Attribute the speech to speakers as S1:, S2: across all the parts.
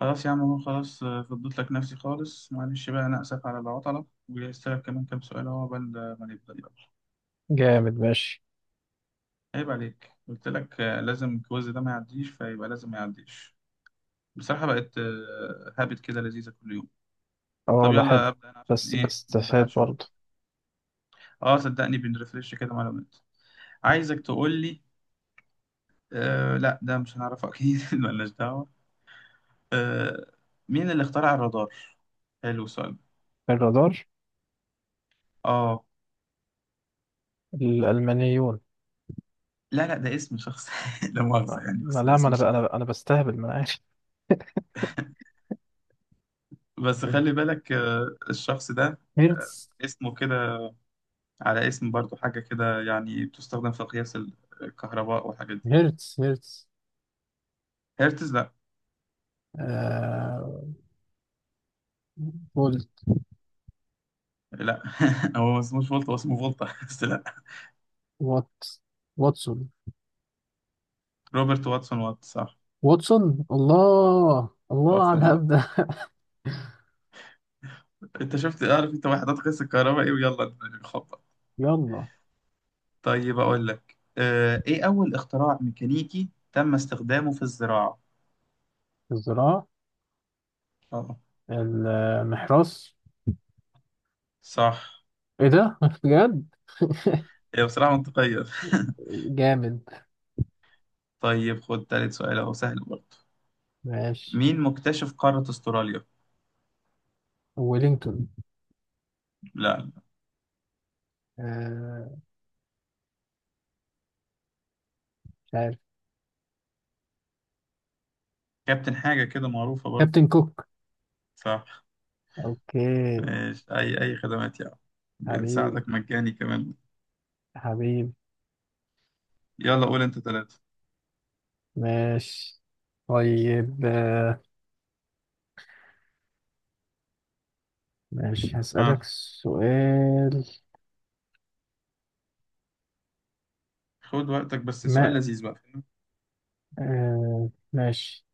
S1: خلاص يا عم، هو خلاص فضيت لك نفسي خالص. معلش بقى أنا آسف على العطلة، وجهزت لك كمان كام سؤال أهو قبل ما نبدأ. يلا.
S2: جامد، ماشي.
S1: عيب عليك، قلت لك لازم الكويز ده ما يعديش، فيبقى لازم ما يعديش. بصراحة بقت هابت كده، لذيذة كل يوم.
S2: اه،
S1: طب
S2: والله حلو.
S1: يلا أبدأ أنا عشان
S2: بس
S1: إيه
S2: بس
S1: ما
S2: تفاد
S1: نضيعش
S2: برضه.
S1: وقت. أه صدقني بنرفرش كده معلومات. عايزك تقول لي. أه لا، ده مش هنعرفه أكيد ملناش دعوة. أه. مين اللي اخترع الرادار؟ حلو السؤال ده.
S2: الرادار.
S1: أه.
S2: الألمانيون.
S1: لا لا، ده اسم شخص لا مؤاخذة يعني، بس ده
S2: لا، ما
S1: اسم
S2: أنا ب...
S1: شخص.
S2: أنا ب... أنا بستهبل، ما أنا عارف.
S1: بس خلي بالك الشخص ده آه،
S2: هرتز،
S1: اسمه كده، على اسم برضو حاجة كده يعني بتستخدم في قياس الكهرباء والحاجات دي.
S2: هرتز. هرتز
S1: هرتز لا.
S2: آه. فولت.
S1: لا هو ما اسموش فولت، هو اسمه فولتا بس لا.
S2: وات. واتسون.
S1: روبرت واتسون وات، صح.
S2: واتسون، الله الله على
S1: واتسون وات.
S2: الهبد ده.
S1: انت شفت اعرف انت وحدات قياس الكهرباء ايه، ويلا نخبط.
S2: يلا.
S1: طيب اقول لك ايه اول اختراع ميكانيكي تم استخدامه في الزراعة.
S2: الزراعة.
S1: اه
S2: المحراث.
S1: صح.
S2: ايه ده؟ بجد.
S1: هي بصراحة منطقية
S2: جامد،
S1: طيب خد تالت سؤال اهو سهل برضه.
S2: ماشي.
S1: مين مكتشف قارة استراليا؟
S2: ويلينغتون.
S1: لا.
S2: آه. مش عارف.
S1: كابتن حاجة كده معروفة برضه.
S2: كابتن كوك.
S1: صح.
S2: اوكي.
S1: ماشي، أي أي خدمات يا عم،
S2: حبيبي،
S1: بنساعدك مجاني كمان.
S2: حبيبي.
S1: يلا قول أنت ثلاثة.
S2: ماشي، طيب. ماشي، هسألك
S1: آه.
S2: سؤال.
S1: خد وقتك، بس سؤال
S2: ما
S1: لذيذ بقى، فاهم؟
S2: ماشي.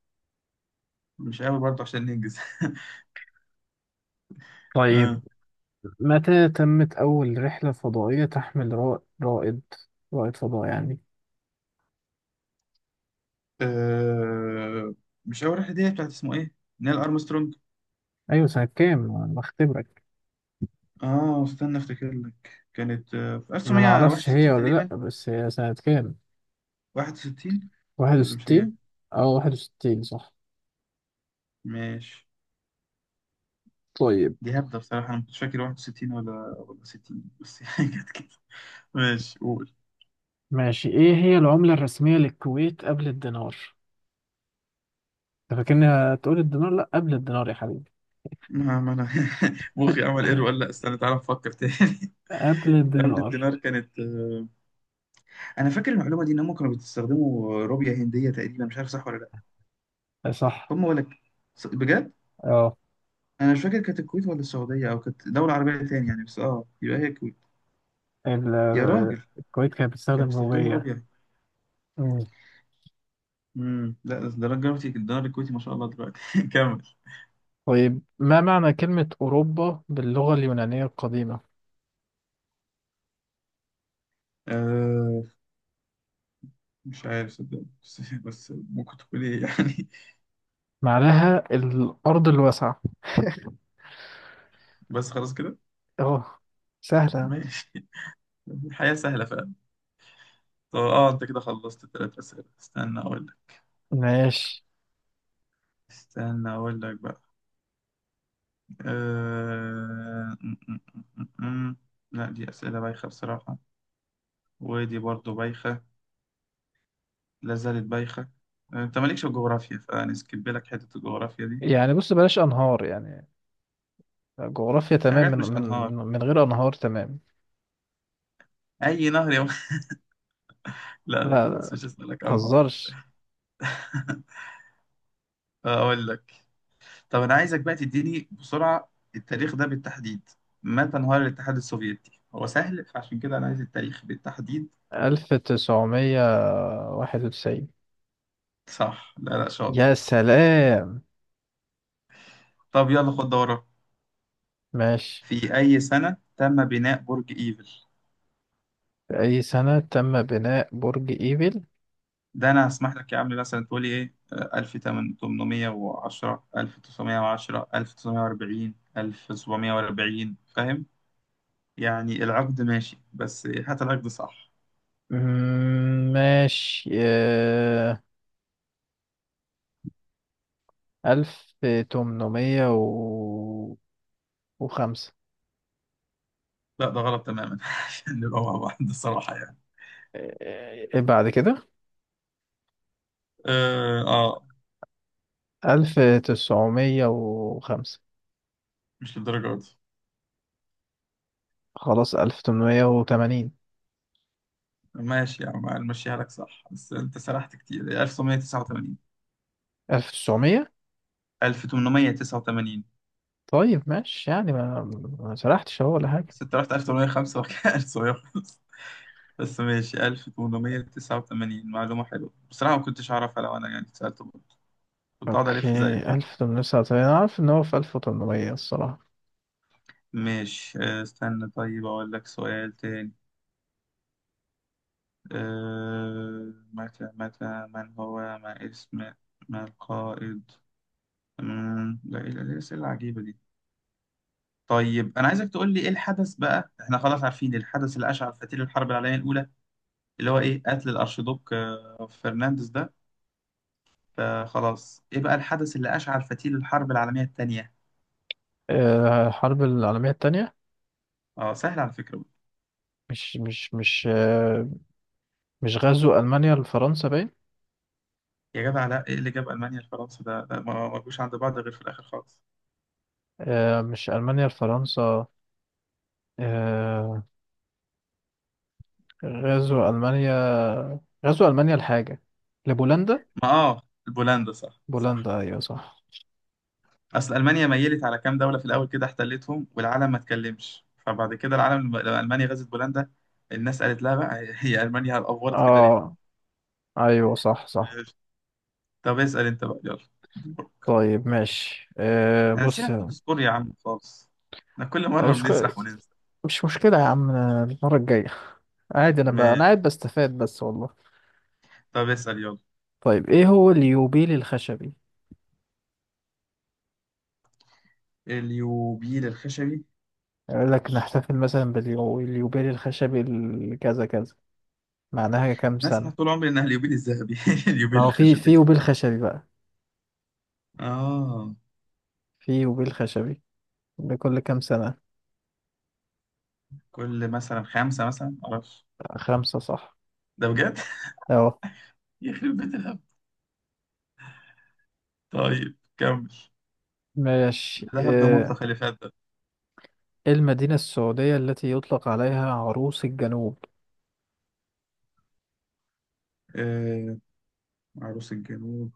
S1: مش قوي برضه عشان ننجز.
S2: طيب.
S1: آه.
S2: متى تمت أول رحلة فضائية تحمل رائد فضاء يعني؟
S1: آه. مش أول رحلة دي بتاعت اسمه إيه؟ نيل أرمسترونج.
S2: أيوة، سنة كام؟ أنا بختبرك.
S1: آه استنى أفتكر لك، كانت في
S2: أنا معرفش هي
S1: 1961
S2: ولا
S1: تقريبا.
S2: لأ، بس هي سنة كام؟
S1: 61.
S2: واحد
S1: ولا مش هي؟
S2: وستين. أو واحد وستين، صح.
S1: ماشي.
S2: طيب،
S1: دي هبدة بصراحة، أنا مش فاكر 61 ولا 60 بس، يعني كانت كده. ماشي قول.
S2: ماشي. إيه هي العملة الرسمية للكويت قبل الدينار؟ أنت فاكرني هتقول الدينار؟ لأ قبل الدينار يا حبيبي.
S1: ما أنا مخي عمل إير ولا لأ، استنى تعالى نفكر تاني
S2: قبل
S1: قبل
S2: الدينار.
S1: الدينار كانت أنا فاكر المعلومة دي إن هم كانوا بيستخدموا روبيا هندية تقريبا، مش عارف صح ولا لأ.
S2: آه، صح.
S1: هم ولا بجد،
S2: اه.
S1: أنا مش فاكر كانت الكويت ولا السعودية، أو كانت دولة عربية تاني يعني، بس أه يبقى هي الكويت. يا راجل
S2: الكويت كانت
S1: كانوا
S2: بتستخدم
S1: بيستخدموا
S2: روبية.
S1: روبيا.
S2: مم.
S1: لا، ده الدرجة الكويتي، الدينار الكويتي ما شاء الله دلوقتي كمل.
S2: طيب، ما معنى كلمة أوروبا باللغة اليونانية القديمة؟
S1: آه، مش عارف صدق بس, بس ممكن تقول ايه يعني.
S2: معناها الأرض الواسعة.
S1: بس خلاص كده.
S2: اه، سهلة.
S1: ماشي، الحياة سهلة فعلا. طب اه انت كده خلصت ثلاث أسئلة، استنى اقول لك.
S2: ماشي،
S1: استنى اقول لك بقى. أه... م- م- م- م- م. لا دي أسئلة بايخة بصراحة. ودي برضو بايخة. لا زالت بايخة. انت مالكش في الجغرافيا، فنسكب لك حتة الجغرافيا دي.
S2: يعني بص بلاش أنهار يعني. جغرافيا
S1: في
S2: تمام،
S1: حاجات
S2: من
S1: مش
S2: من
S1: انهار.
S2: من من غير أنهار، تمام.
S1: اي نهر يا لا لا،
S2: لا،
S1: خلاص
S2: لا،
S1: مش هسألك انهار.
S2: متهزرش.
S1: اقول لك. طب أنا عايزك بقى تديني بسرعة التاريخ ده بالتحديد. متى انهار الاتحاد السوفيتي؟ هو سهل، فعشان كده أنا عايز التاريخ بالتحديد.
S2: 1991.
S1: صح لا لا، شاطر.
S2: يا سلام.
S1: طب يلا خد دورة.
S2: ماشي.
S1: في أي سنة تم بناء برج إيفل؟
S2: في أي سنة تم بناء برج إيفل؟
S1: ده أنا هسمح لك يا عم مثلا تقولي إيه: 1810، 1910، 1940، 1740، فاهم يعني؟ العقد ماشي، بس هات العقد صح.
S2: ماشي. ألف تمنمية وخمسة.
S1: لا ده غلط تماما عشان نبقى مع بعض الصراحة يعني.
S2: آه. إيه، بعد كده.
S1: اه
S2: ألف تسعمية وخمسة.
S1: مش للدرجة دي.
S2: خلاص، ألف تمنمية وتمانين.
S1: ماشي يا عم، المشيها لك صح بس انت سرحت كتير. 1989.
S2: ألف تسعمية.
S1: 1889.
S2: طيب، ماشي، يعني ما سرحتش أهو ولا حاجة.
S1: بس انت رحت 1805 وكان 1905 بس ماشي. 1889 معلومة حلوة بصراحة، ما كنتش أعرفها لو أنا يعني اتسألت برضه، كنت أقعد
S2: أوكي.
S1: ألف زيك كده.
S2: ألف تمنمية وتسعة وتمانين، أنا عارف إن هو في ألف وتمنمية الصراحة.
S1: ماشي استنى طيب أقول لك سؤال تاني. أه متى متى من هو ما اسم ما القائد مم، لا إيه الأسئلة العجيبة دي. طيب انا عايزك تقول لي ايه الحدث بقى، احنا خلاص عارفين الحدث اللي اشعل فتيل الحرب العالميه الاولى، اللي هو ايه قتل الارشيدوك فرنانديز ده. فخلاص ايه بقى الحدث اللي اشعل فتيل الحرب العالميه الثانيه؟
S2: الحرب العالمية التانية.
S1: اه سهل على فكره.
S2: مش مش غزو ألمانيا لفرنسا باين.
S1: يا جدع لا، ايه اللي جاب المانيا لفرنسا، ده ما جوش عند بعض غير في الاخر خالص.
S2: مش ألمانيا لفرنسا. آه. غزو ألمانيا. غزو ألمانيا لحاجة، لبولندا.
S1: ما اه بولندا صح صح.
S2: بولندا، أيوة صح.
S1: اصل المانيا ميلت على كام دوله في الاول كده احتلتهم والعالم ما اتكلمش، فبعد كده العالم لما المانيا غزت بولندا، الناس قالت لها بقى هي المانيا افورت كده
S2: اه، أيوة، صح صح.
S1: ليه. طب اسأل انت بقى يلا، دورك.
S2: طيب، ماشي.
S1: انا نسينا
S2: بص.
S1: نحط سكور يا عم خالص، احنا كل مرة
S2: مش
S1: بنسرح وننسى.
S2: مش مشكلة يا عم المرة الجاية. عادي، أنا بقى أنا
S1: ماشي.
S2: قاعد بستفاد بس والله.
S1: طب اسأل يلا.
S2: طيب، إيه هو اليوبيل الخشبي؟
S1: اليوبيل الخشبي.
S2: يقول لك نحتفل مثلا باليوبيل الخشبي كذا كذا، معناها كام
S1: انا اسمع
S2: سنة؟
S1: طول عمري انها اليوبيل الذهبي
S2: ما
S1: اليوبيل
S2: هو في
S1: الخشبي دي.
S2: يوبيل خشبي بقى.
S1: اه.
S2: في يوبيل خشبي لكل كام سنة؟
S1: كل مثلا خمسة مثلا معرفش.
S2: خمسة صح.
S1: ده بجد.
S2: أهو.
S1: يخرب بيت الهبل. طيب كمل.
S2: ماشي.
S1: الذهب ده مطلق الإفادة ده.
S2: إيه المدينة السعودية التي يطلق عليها عروس الجنوب؟
S1: آه. عروس الجنوب.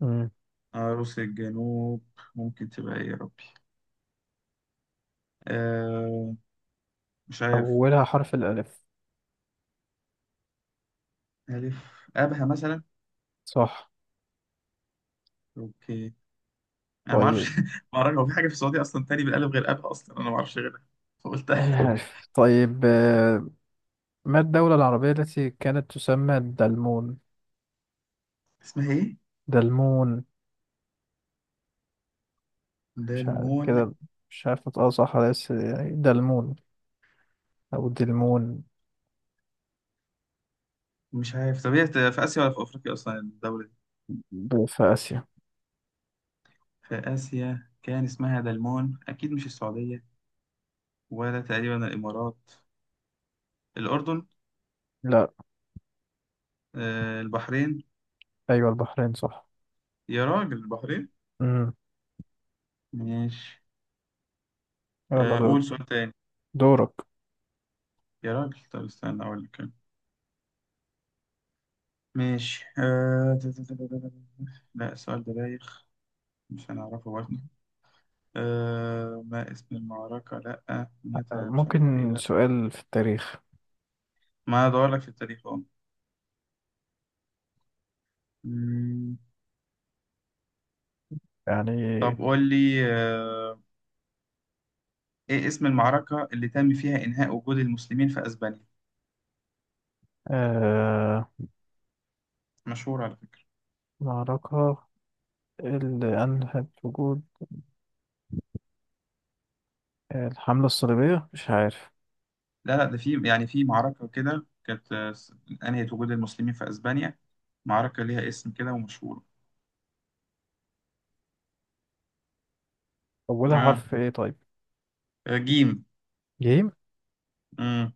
S2: مم.
S1: عروس الجنوب. ممكن تبقى ايه يا ربي. آه. مش عارف.
S2: أولها حرف الألف.
S1: ألف. أبها مثلا.
S2: صح.
S1: أوكي. انا ما اعرفش
S2: طيب.
S1: ما اعرفش، هو في حاجه في السعوديه اصلا تاني بالالف غير ابها؟ اصلا انا ما اعرفش غيرها، فقلت
S2: عارف. طيب. ما الدولة العربية التي كانت تسمى دلمون؟
S1: اسمها ايه؟
S2: دلمون. مش عارف
S1: دلمون.
S2: كده. مش عارف نطقها صح ولا لسه، يعني دلمون أو دلمون.
S1: مش عارف، طب هي في اسيا ولا في افريقيا اصلا الدوله دي؟
S2: في آسيا.
S1: في اسيا، كان اسمها دلمون، اكيد مش السعوديه، ولا تقريبا الامارات، الاردن.
S2: لا.
S1: آه البحرين.
S2: أيوة البحرين صح.
S1: يا راجل البحرين.
S2: مم.
S1: ماشي.
S2: يلا
S1: آه
S2: دور.
S1: قول سؤال تاني.
S2: دورك.
S1: يا راجل طب استنى اقول لك أنا. ماشي آه... تا- تا- تا- تا- تا- تا. لا السؤال ده بايخ. مش هنعرفه برضه. أه ما اسم المعركة لأ متى، مش عارف إيه
S2: ممكن
S1: لأ.
S2: سؤال في التاريخ؟
S1: ما أدور لك في التاريخ أهو. مم،
S2: يعني.
S1: طب قول لي أه إيه اسم المعركة اللي تم فيها إنهاء وجود المسلمين في أسبانيا؟
S2: آه
S1: مشهور على فكرة.
S2: معركة اللي أنهت وجود الحملة الصليبية، مش عارف.
S1: لا لا ده في يعني في معركة كده كانت أنهت وجود المسلمين في أسبانيا، معركة ليها اسم كده ومشهورة.
S2: أولها
S1: آه.
S2: حرف إيه؟ طيب،
S1: جيم.
S2: جيم.
S1: مم.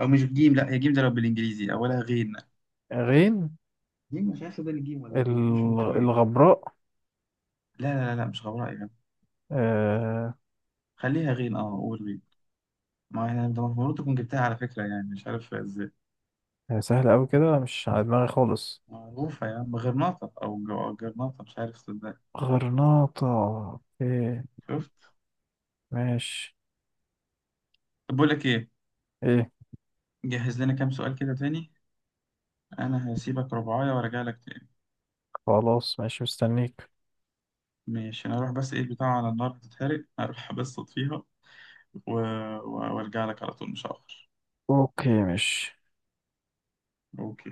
S1: أو مش جيم، لأ هي جيم ده لو بالإنجليزي، أولها غين.
S2: غين.
S1: جيم مش عارف ده الجيم ولا غين، مش انطوائي لا.
S2: الغبراء.
S1: لا لا لا، مش غبراء يعني.
S2: آه.
S1: خليها غين اه قول غين. ما هي انت المفروض تكون جبتها على فكرة، يعني مش عارف ازاي.
S2: هي سهلة أوي كده، مش على دماغي خالص.
S1: معروفة يا عم، غرناطة او جرناطة مش عارف صدق.
S2: غرناطة. إيه.
S1: شفت.
S2: ماشي.
S1: طب بقول لك ايه،
S2: إيه.
S1: جهز لنا كام سؤال كده تاني. انا هسيبك ربعاية وارجع لك تاني.
S2: خلاص ماشي، مستنيك.
S1: ماشي انا اروح بس ايه البتاع على النار هتتحرق، اروح بس اطفيها وارجع لك على طول مش هاخر.
S2: أوكي، ماشي.
S1: اوكي